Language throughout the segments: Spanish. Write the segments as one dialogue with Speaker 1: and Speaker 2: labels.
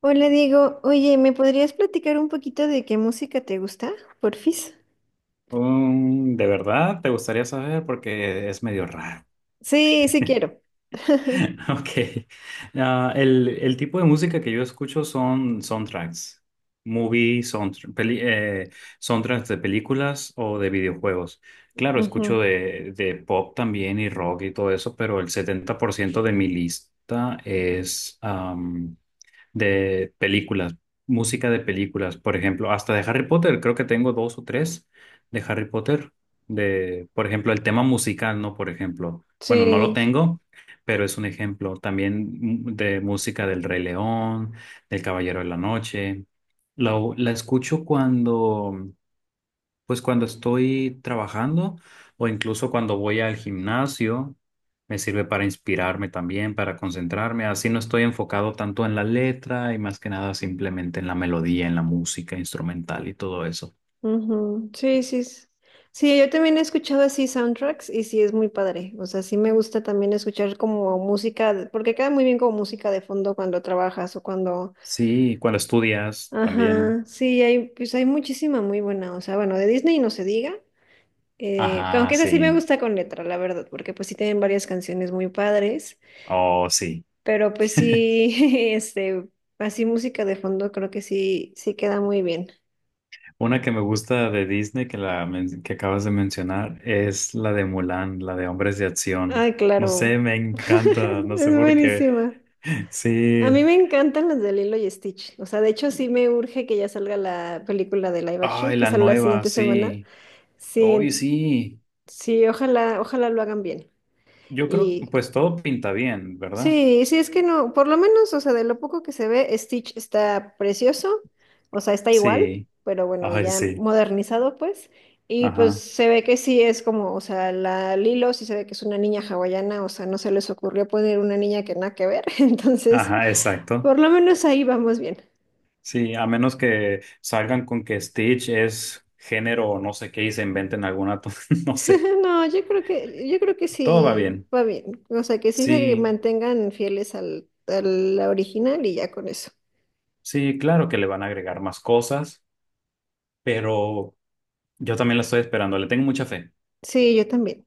Speaker 1: Hola Diego, oye, ¿me podrías platicar un poquito de qué música te gusta, porfis?
Speaker 2: ¿De verdad te gustaría saber? Porque es medio raro.
Speaker 1: Sí, sí quiero.
Speaker 2: Ok. Ah, el tipo de música que yo escucho son soundtracks, movie, soundtr- peli- eh, soundtracks de películas o de videojuegos. Claro,
Speaker 1: Ujú,
Speaker 2: escucho de pop también y rock y todo eso, pero el 70% de mi lista es de películas, música de películas, por ejemplo, hasta de Harry Potter, creo que tengo dos o tres de Harry Potter, de, por ejemplo, el tema musical, ¿no? Por ejemplo, bueno, no lo
Speaker 1: sí.
Speaker 2: tengo, pero es un ejemplo también de música del Rey León, del Caballero de la Noche. La escucho cuando pues cuando estoy trabajando o incluso cuando voy al gimnasio, me sirve para inspirarme también, para concentrarme. Así no estoy enfocado tanto en la letra y más que nada simplemente en la melodía, en la música instrumental y todo eso.
Speaker 1: Ujú. Sí, sí. Sí, yo también he escuchado así soundtracks y sí es muy padre. O sea, sí me gusta también escuchar como música, porque queda muy bien como música de fondo cuando trabajas o cuando.
Speaker 2: Sí, cuando estudias también.
Speaker 1: Ajá, sí, hay, pues hay muchísima muy buena. O sea, bueno, de Disney no se diga.
Speaker 2: Ajá,
Speaker 1: Aunque esa sí me
Speaker 2: sí.
Speaker 1: gusta con letra, la verdad, porque pues sí tienen varias canciones muy padres.
Speaker 2: Oh, sí.
Speaker 1: Pero pues sí, este, así música de fondo creo que sí, sí queda muy bien.
Speaker 2: Una que me gusta de Disney que, que acabas de mencionar es la de Mulan, la de Hombres de Acción.
Speaker 1: Ay,
Speaker 2: No
Speaker 1: claro.
Speaker 2: sé, me encanta, no sé
Speaker 1: Es
Speaker 2: por qué.
Speaker 1: buenísima. A mí
Speaker 2: Sí.
Speaker 1: me encantan las de Lilo y Stitch. O sea, de hecho sí me urge que ya salga la película de live action,
Speaker 2: Ay,
Speaker 1: que
Speaker 2: la
Speaker 1: sale la
Speaker 2: nueva,
Speaker 1: siguiente semana.
Speaker 2: sí.
Speaker 1: Sí,
Speaker 2: Hoy sí.
Speaker 1: sí, ojalá, ojalá lo hagan bien.
Speaker 2: Yo creo que
Speaker 1: Y
Speaker 2: pues todo pinta bien, ¿verdad?
Speaker 1: Sí, sí, es que no, por lo menos, o sea, de lo poco que se ve, Stitch está precioso, o sea, está igual,
Speaker 2: Sí.
Speaker 1: pero bueno,
Speaker 2: Ay,
Speaker 1: ya
Speaker 2: sí.
Speaker 1: modernizado, pues, y pues
Speaker 2: Ajá.
Speaker 1: se ve que sí es como, o sea, la Lilo sí se ve que es una niña hawaiana, o sea, no se les ocurrió poner una niña que nada que ver, entonces,
Speaker 2: Ajá, exacto.
Speaker 1: por lo menos ahí vamos bien.
Speaker 2: Sí, a menos que salgan con que Stitch es género o no sé qué y se inventen alguna, no sé.
Speaker 1: No, yo creo que
Speaker 2: Todo va
Speaker 1: sí
Speaker 2: bien.
Speaker 1: va bien, o sea, que sí se
Speaker 2: Sí,
Speaker 1: mantengan fieles al, a la original y ya con eso.
Speaker 2: sí, claro que le van a agregar más cosas, pero yo también la estoy esperando. Le tengo mucha fe.
Speaker 1: Sí, yo también.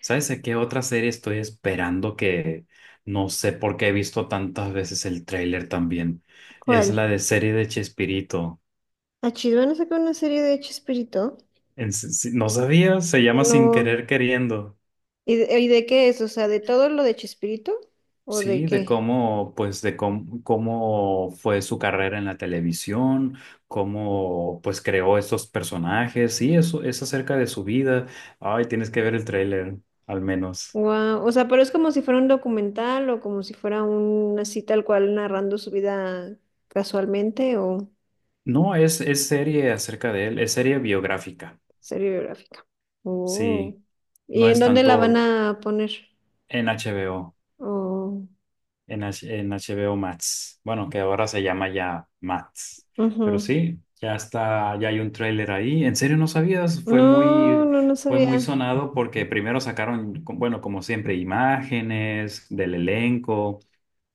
Speaker 2: ¿Sabes de qué otra serie estoy esperando que no sé por qué he visto tantas veces el tráiler también? Es la
Speaker 1: ¿Cuál?
Speaker 2: de serie de Chespirito.
Speaker 1: ¿A Chilvan a sacar una serie de Chespirito?
Speaker 2: En s- si- No sabía, se llama Sin
Speaker 1: No.
Speaker 2: Querer Queriendo.
Speaker 1: ¿Y de qué es? O sea, ¿de todo lo de Chespirito? ¿O de
Speaker 2: Sí, de
Speaker 1: qué?
Speaker 2: cómo, pues, de cómo, cómo fue su carrera en la televisión, cómo, pues, creó estos personajes. Sí, eso es acerca de su vida. Ay, tienes que ver el tráiler, al menos.
Speaker 1: Wow. O sea, pero es como si fuera un documental o como si fuera un así tal cual narrando su vida casualmente o
Speaker 2: No, es serie acerca de él, es serie biográfica.
Speaker 1: serie biográfica. Oh.
Speaker 2: Sí.
Speaker 1: ¿Y
Speaker 2: No
Speaker 1: en
Speaker 2: es
Speaker 1: dónde la van
Speaker 2: tanto
Speaker 1: a poner?
Speaker 2: en HBO,
Speaker 1: Oh.
Speaker 2: en, en HBO Max. Bueno, que ahora se llama ya Max. Pero
Speaker 1: Ujú.
Speaker 2: sí, ya está, ya hay un tráiler ahí. ¿En serio no sabías?
Speaker 1: No, no, no
Speaker 2: Fue muy
Speaker 1: sabía.
Speaker 2: sonado porque primero sacaron, bueno, como siempre, imágenes del elenco.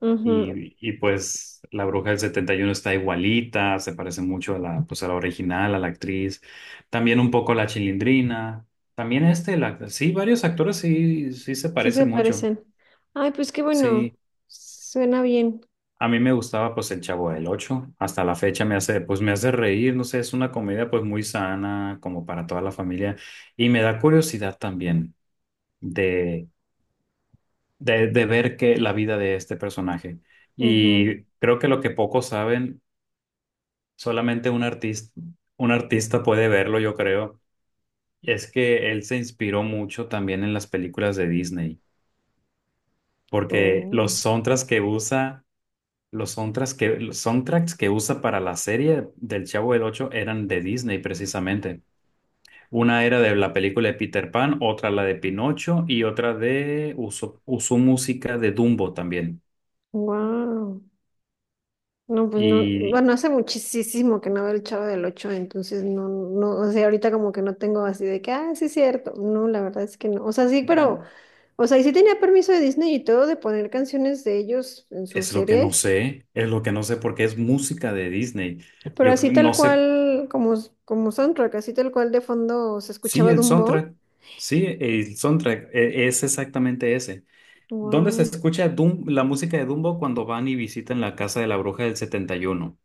Speaker 1: Ujú.
Speaker 2: Y pues la bruja del 71 está igualita, se parece mucho a la, pues a la original, a la actriz. También un poco a la Chilindrina. También este, sí, varios actores sí, sí se
Speaker 1: Sí se
Speaker 2: parecen mucho.
Speaker 1: parecen. Ay, pues qué bueno.
Speaker 2: Sí,
Speaker 1: Suena bien.
Speaker 2: a mí me gustaba pues el Chavo del Ocho, hasta la fecha me hace pues me hace reír, no sé, es una comedia pues muy sana como para toda la familia y me da curiosidad también de de ver que la vida de este personaje
Speaker 1: Ujú.
Speaker 2: y creo que lo que pocos saben, solamente un artista puede verlo, yo creo, es que él se inspiró mucho también en las películas de Disney, porque
Speaker 1: Oh,
Speaker 2: los sontras que usa los soundtracks que usa para la serie del Chavo del Ocho eran de Disney precisamente. Una era de la película de Peter Pan, otra la de Pinocho y otra de usó música de Dumbo también.
Speaker 1: wow. No, pues no,
Speaker 2: Y
Speaker 1: bueno, hace muchísimo que no veo el Chavo del Ocho, entonces no, no, o sea, ahorita como que no tengo así de que, ah, sí es cierto. No, la verdad es que no. O sea, sí, pero, o sea, y sí tenía permiso de Disney y todo de poner canciones de ellos en su
Speaker 2: es lo que no
Speaker 1: serie,
Speaker 2: sé, es lo que no sé porque es música de Disney.
Speaker 1: pero
Speaker 2: Yo
Speaker 1: así tal
Speaker 2: no sé,
Speaker 1: cual, como soundtrack, así tal cual de fondo se
Speaker 2: sí,
Speaker 1: escuchaba
Speaker 2: el
Speaker 1: Dumbo.
Speaker 2: soundtrack, sí, es exactamente ese. ¿Dónde se
Speaker 1: Wow.
Speaker 2: escucha la música de Dumbo cuando van y visitan la casa de la bruja del 71?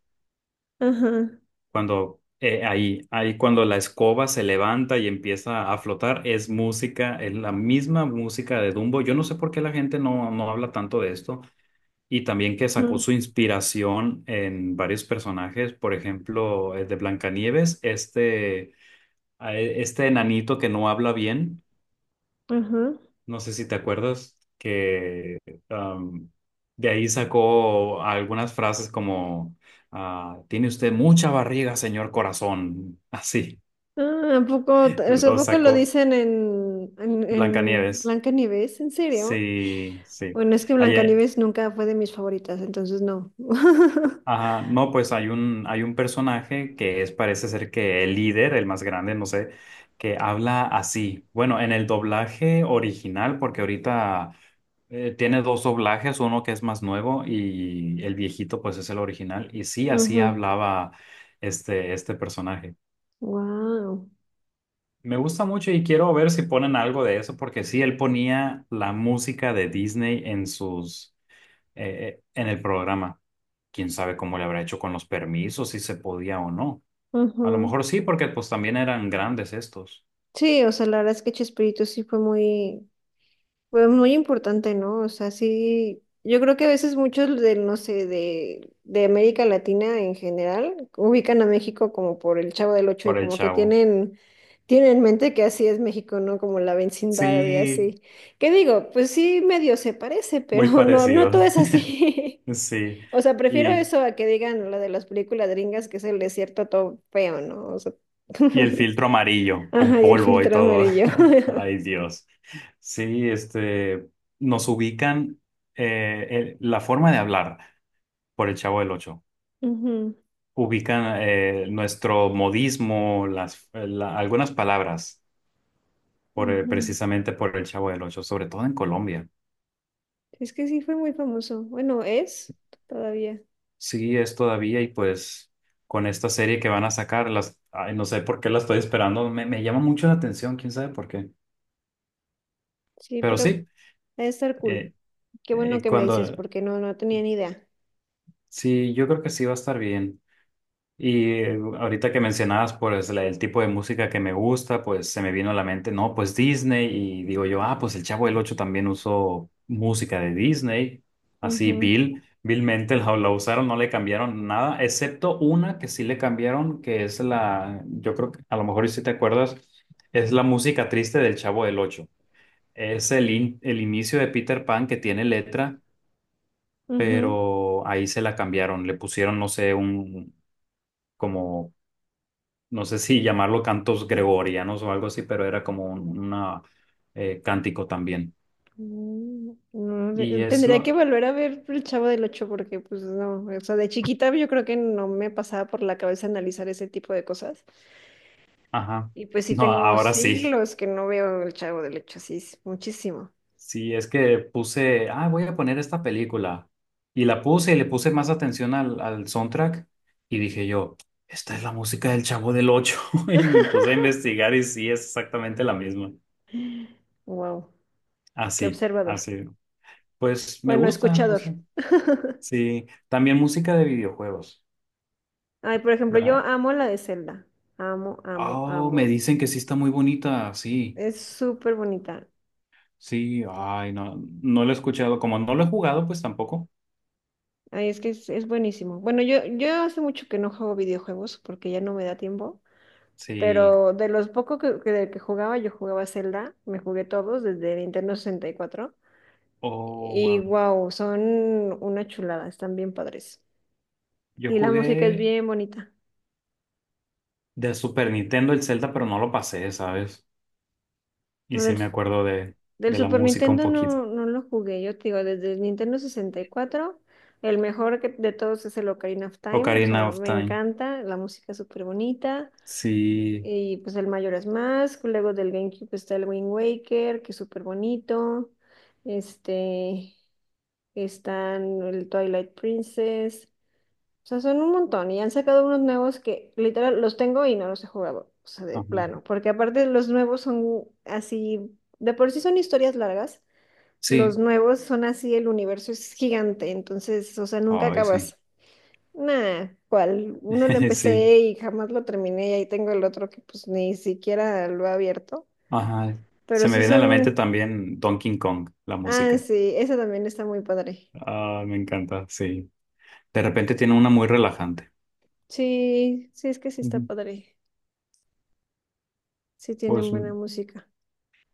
Speaker 1: Ajá.
Speaker 2: Cuando ahí cuando la escoba se levanta y empieza a flotar, es música, es la misma música de Dumbo. Yo no sé por qué la gente no habla tanto de esto. Y también que sacó
Speaker 1: Ujú,
Speaker 2: su inspiración en varios personajes, por ejemplo, el de Blancanieves, este, este enanito que no habla bien,
Speaker 1: ajá.
Speaker 2: no sé si te acuerdas, que am, de ahí sacó algunas frases como, ah, tiene usted mucha barriga, señor corazón, así.
Speaker 1: Ah, ¿a poco, o sea, ¿a
Speaker 2: Lo
Speaker 1: poco lo
Speaker 2: sacó
Speaker 1: dicen en,
Speaker 2: Blancanieves.
Speaker 1: Blancanieves? ¿En serio?
Speaker 2: Sí, sí.
Speaker 1: Bueno, es que
Speaker 2: Ayer,
Speaker 1: Blancanieves nunca fue de mis favoritas, entonces no.
Speaker 2: ajá, no, pues hay hay un personaje que es, parece ser que el líder, el más grande, no sé, que habla así. Bueno, en el doblaje original, porque ahorita tiene dos doblajes, uno que es más nuevo y el viejito, pues es el original. Y sí, así hablaba este personaje.
Speaker 1: Wow.
Speaker 2: Me gusta mucho y quiero ver si ponen algo de eso, porque sí, él ponía la música de Disney en sus en el programa. Quién sabe cómo le habrá hecho con los permisos, si se podía o no. A lo mejor sí, porque pues también eran grandes estos,
Speaker 1: Sí, o sea, la verdad es que Chespirito sí fue muy importante, ¿no? O sea, sí, yo creo que a veces muchos del, no sé, de América Latina en general, ubican a México como por el Chavo del Ocho y
Speaker 2: por el
Speaker 1: como que
Speaker 2: chavo.
Speaker 1: tienen en mente que así es México, ¿no? Como la vecindad y
Speaker 2: Sí,
Speaker 1: así. ¿Qué digo? Pues sí, medio se parece,
Speaker 2: muy
Speaker 1: pero no, no
Speaker 2: parecido.
Speaker 1: todo es así.
Speaker 2: Sí.
Speaker 1: O sea, prefiero
Speaker 2: Y,
Speaker 1: eso a que digan lo de las películas gringas, que es el desierto todo feo, ¿no? O sea,
Speaker 2: y el filtro amarillo, con
Speaker 1: ajá, y el
Speaker 2: polvo y
Speaker 1: filtro
Speaker 2: todo.
Speaker 1: amarillo.
Speaker 2: Ay, Dios. Sí, este, nos ubican la forma de hablar por el Chavo del Ocho.
Speaker 1: Ujú,
Speaker 2: Ubican nuestro modismo, las, algunas palabras
Speaker 1: ujú.
Speaker 2: precisamente por el Chavo del Ocho, sobre todo en Colombia.
Speaker 1: Es que sí fue muy famoso. Bueno, es todavía.
Speaker 2: Sí, es todavía y pues con esta serie que van a sacar, las, ay, no sé por qué la estoy esperando, me llama mucho la atención, quién sabe por qué.
Speaker 1: Sí,
Speaker 2: Pero
Speaker 1: pero
Speaker 2: sí,
Speaker 1: debe estar cool.
Speaker 2: eh,
Speaker 1: Qué bueno que me dices,
Speaker 2: cuando,
Speaker 1: porque no, no tenía ni idea.
Speaker 2: sí, yo creo que sí va a estar bien. Y ahorita que mencionabas pues el tipo de música que me gusta, pues se me vino a la mente, no, pues Disney y digo yo, ah, pues el Chavo del Ocho también usó música de Disney, así
Speaker 1: Ujú,
Speaker 2: vilmente la usaron, no le cambiaron nada, excepto una que sí le cambiaron, que es la, yo creo que a lo mejor y si te acuerdas, es la música triste del Chavo del Ocho. Es el, el inicio de Peter Pan que tiene letra,
Speaker 1: ujú.
Speaker 2: pero ahí se la cambiaron, le pusieron, no sé, un como no sé si llamarlo cantos gregorianos o algo así, pero era como un una, cántico también.
Speaker 1: No,
Speaker 2: Y es
Speaker 1: tendría que
Speaker 2: lo,
Speaker 1: volver a ver El Chavo del Ocho porque pues no, o sea, de chiquita yo creo que no me pasaba por la cabeza analizar ese tipo de cosas.
Speaker 2: ajá,
Speaker 1: Y pues sí
Speaker 2: no,
Speaker 1: tengo
Speaker 2: ahora sí,
Speaker 1: siglos que no veo el Chavo del Ocho, sí, es muchísimo.
Speaker 2: sí, es que puse, ah, voy a poner esta película. Y la puse y le puse más atención al soundtrack y dije yo, esta es la música del Chavo del Ocho y me puse a investigar y sí, es exactamente la misma.
Speaker 1: Wow, qué
Speaker 2: Así,
Speaker 1: observador.
Speaker 2: así. Pues me
Speaker 1: Bueno,
Speaker 2: gusta, no sé.
Speaker 1: escuchador.
Speaker 2: Sí, también música de videojuegos.
Speaker 1: Ay, por ejemplo, yo
Speaker 2: La,
Speaker 1: amo la de Zelda. Amo, amo,
Speaker 2: oh, me
Speaker 1: amo.
Speaker 2: dicen que sí está muy bonita, sí,
Speaker 1: Es súper bonita.
Speaker 2: sí, ay, no, no lo he escuchado, como no lo he jugado, pues tampoco,
Speaker 1: Ay, es que es buenísimo. Bueno, yo hace mucho que no juego videojuegos porque ya no me da tiempo.
Speaker 2: sí,
Speaker 1: Pero de los pocos de que jugaba, yo jugaba Zelda. Me jugué todos desde Nintendo 64.
Speaker 2: oh,
Speaker 1: Y
Speaker 2: wow,
Speaker 1: wow, son una chulada. Están bien padres.
Speaker 2: yo
Speaker 1: Y la música es
Speaker 2: jugué
Speaker 1: bien bonita.
Speaker 2: de Super Nintendo el Zelda, pero no lo pasé, ¿sabes? Y
Speaker 1: No,
Speaker 2: sí
Speaker 1: del,
Speaker 2: me acuerdo
Speaker 1: del
Speaker 2: de la
Speaker 1: Super
Speaker 2: música un
Speaker 1: Nintendo
Speaker 2: poquito,
Speaker 1: no, no lo jugué, yo te digo, desde el Nintendo 64 el mejor de todos es el Ocarina of Time, o
Speaker 2: Ocarina
Speaker 1: sea,
Speaker 2: of
Speaker 1: me
Speaker 2: Time,
Speaker 1: encanta, la música es súper bonita,
Speaker 2: sí,
Speaker 1: y pues el Majora's Mask, luego del GameCube está el Wind Waker, que es súper bonito, este, están el Twilight Princess. O sea, son un montón y han sacado unos nuevos que literal los tengo y no los he jugado, o sea, de
Speaker 2: ajá,
Speaker 1: plano, porque aparte los nuevos son así, de por sí son historias largas, los
Speaker 2: sí,
Speaker 1: nuevos son así, el universo es gigante, entonces, o sea, nunca
Speaker 2: ay, sí,
Speaker 1: acabas. Nah, cual, uno lo
Speaker 2: sí,
Speaker 1: empecé y jamás lo terminé y ahí tengo el otro que pues ni siquiera lo he abierto,
Speaker 2: ajá, se
Speaker 1: pero
Speaker 2: me
Speaker 1: sí
Speaker 2: viene a la mente
Speaker 1: son,
Speaker 2: también Donkey Kong, la
Speaker 1: ah,
Speaker 2: música,
Speaker 1: sí, esa también está muy padre.
Speaker 2: ah, me encanta, sí, de repente tiene una muy relajante.
Speaker 1: Sí, sí, es que sí está
Speaker 2: Ujú.
Speaker 1: padre, sí tienen
Speaker 2: Pues
Speaker 1: buena música.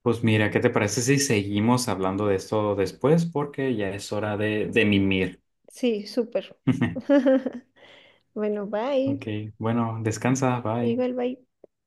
Speaker 2: Pues mira, ¿qué te parece si seguimos hablando de esto después? Porque ya es hora de mimir.
Speaker 1: Sí, súper. Bueno, bye.
Speaker 2: Ok, bueno, descansa, bye.
Speaker 1: Igual, bye.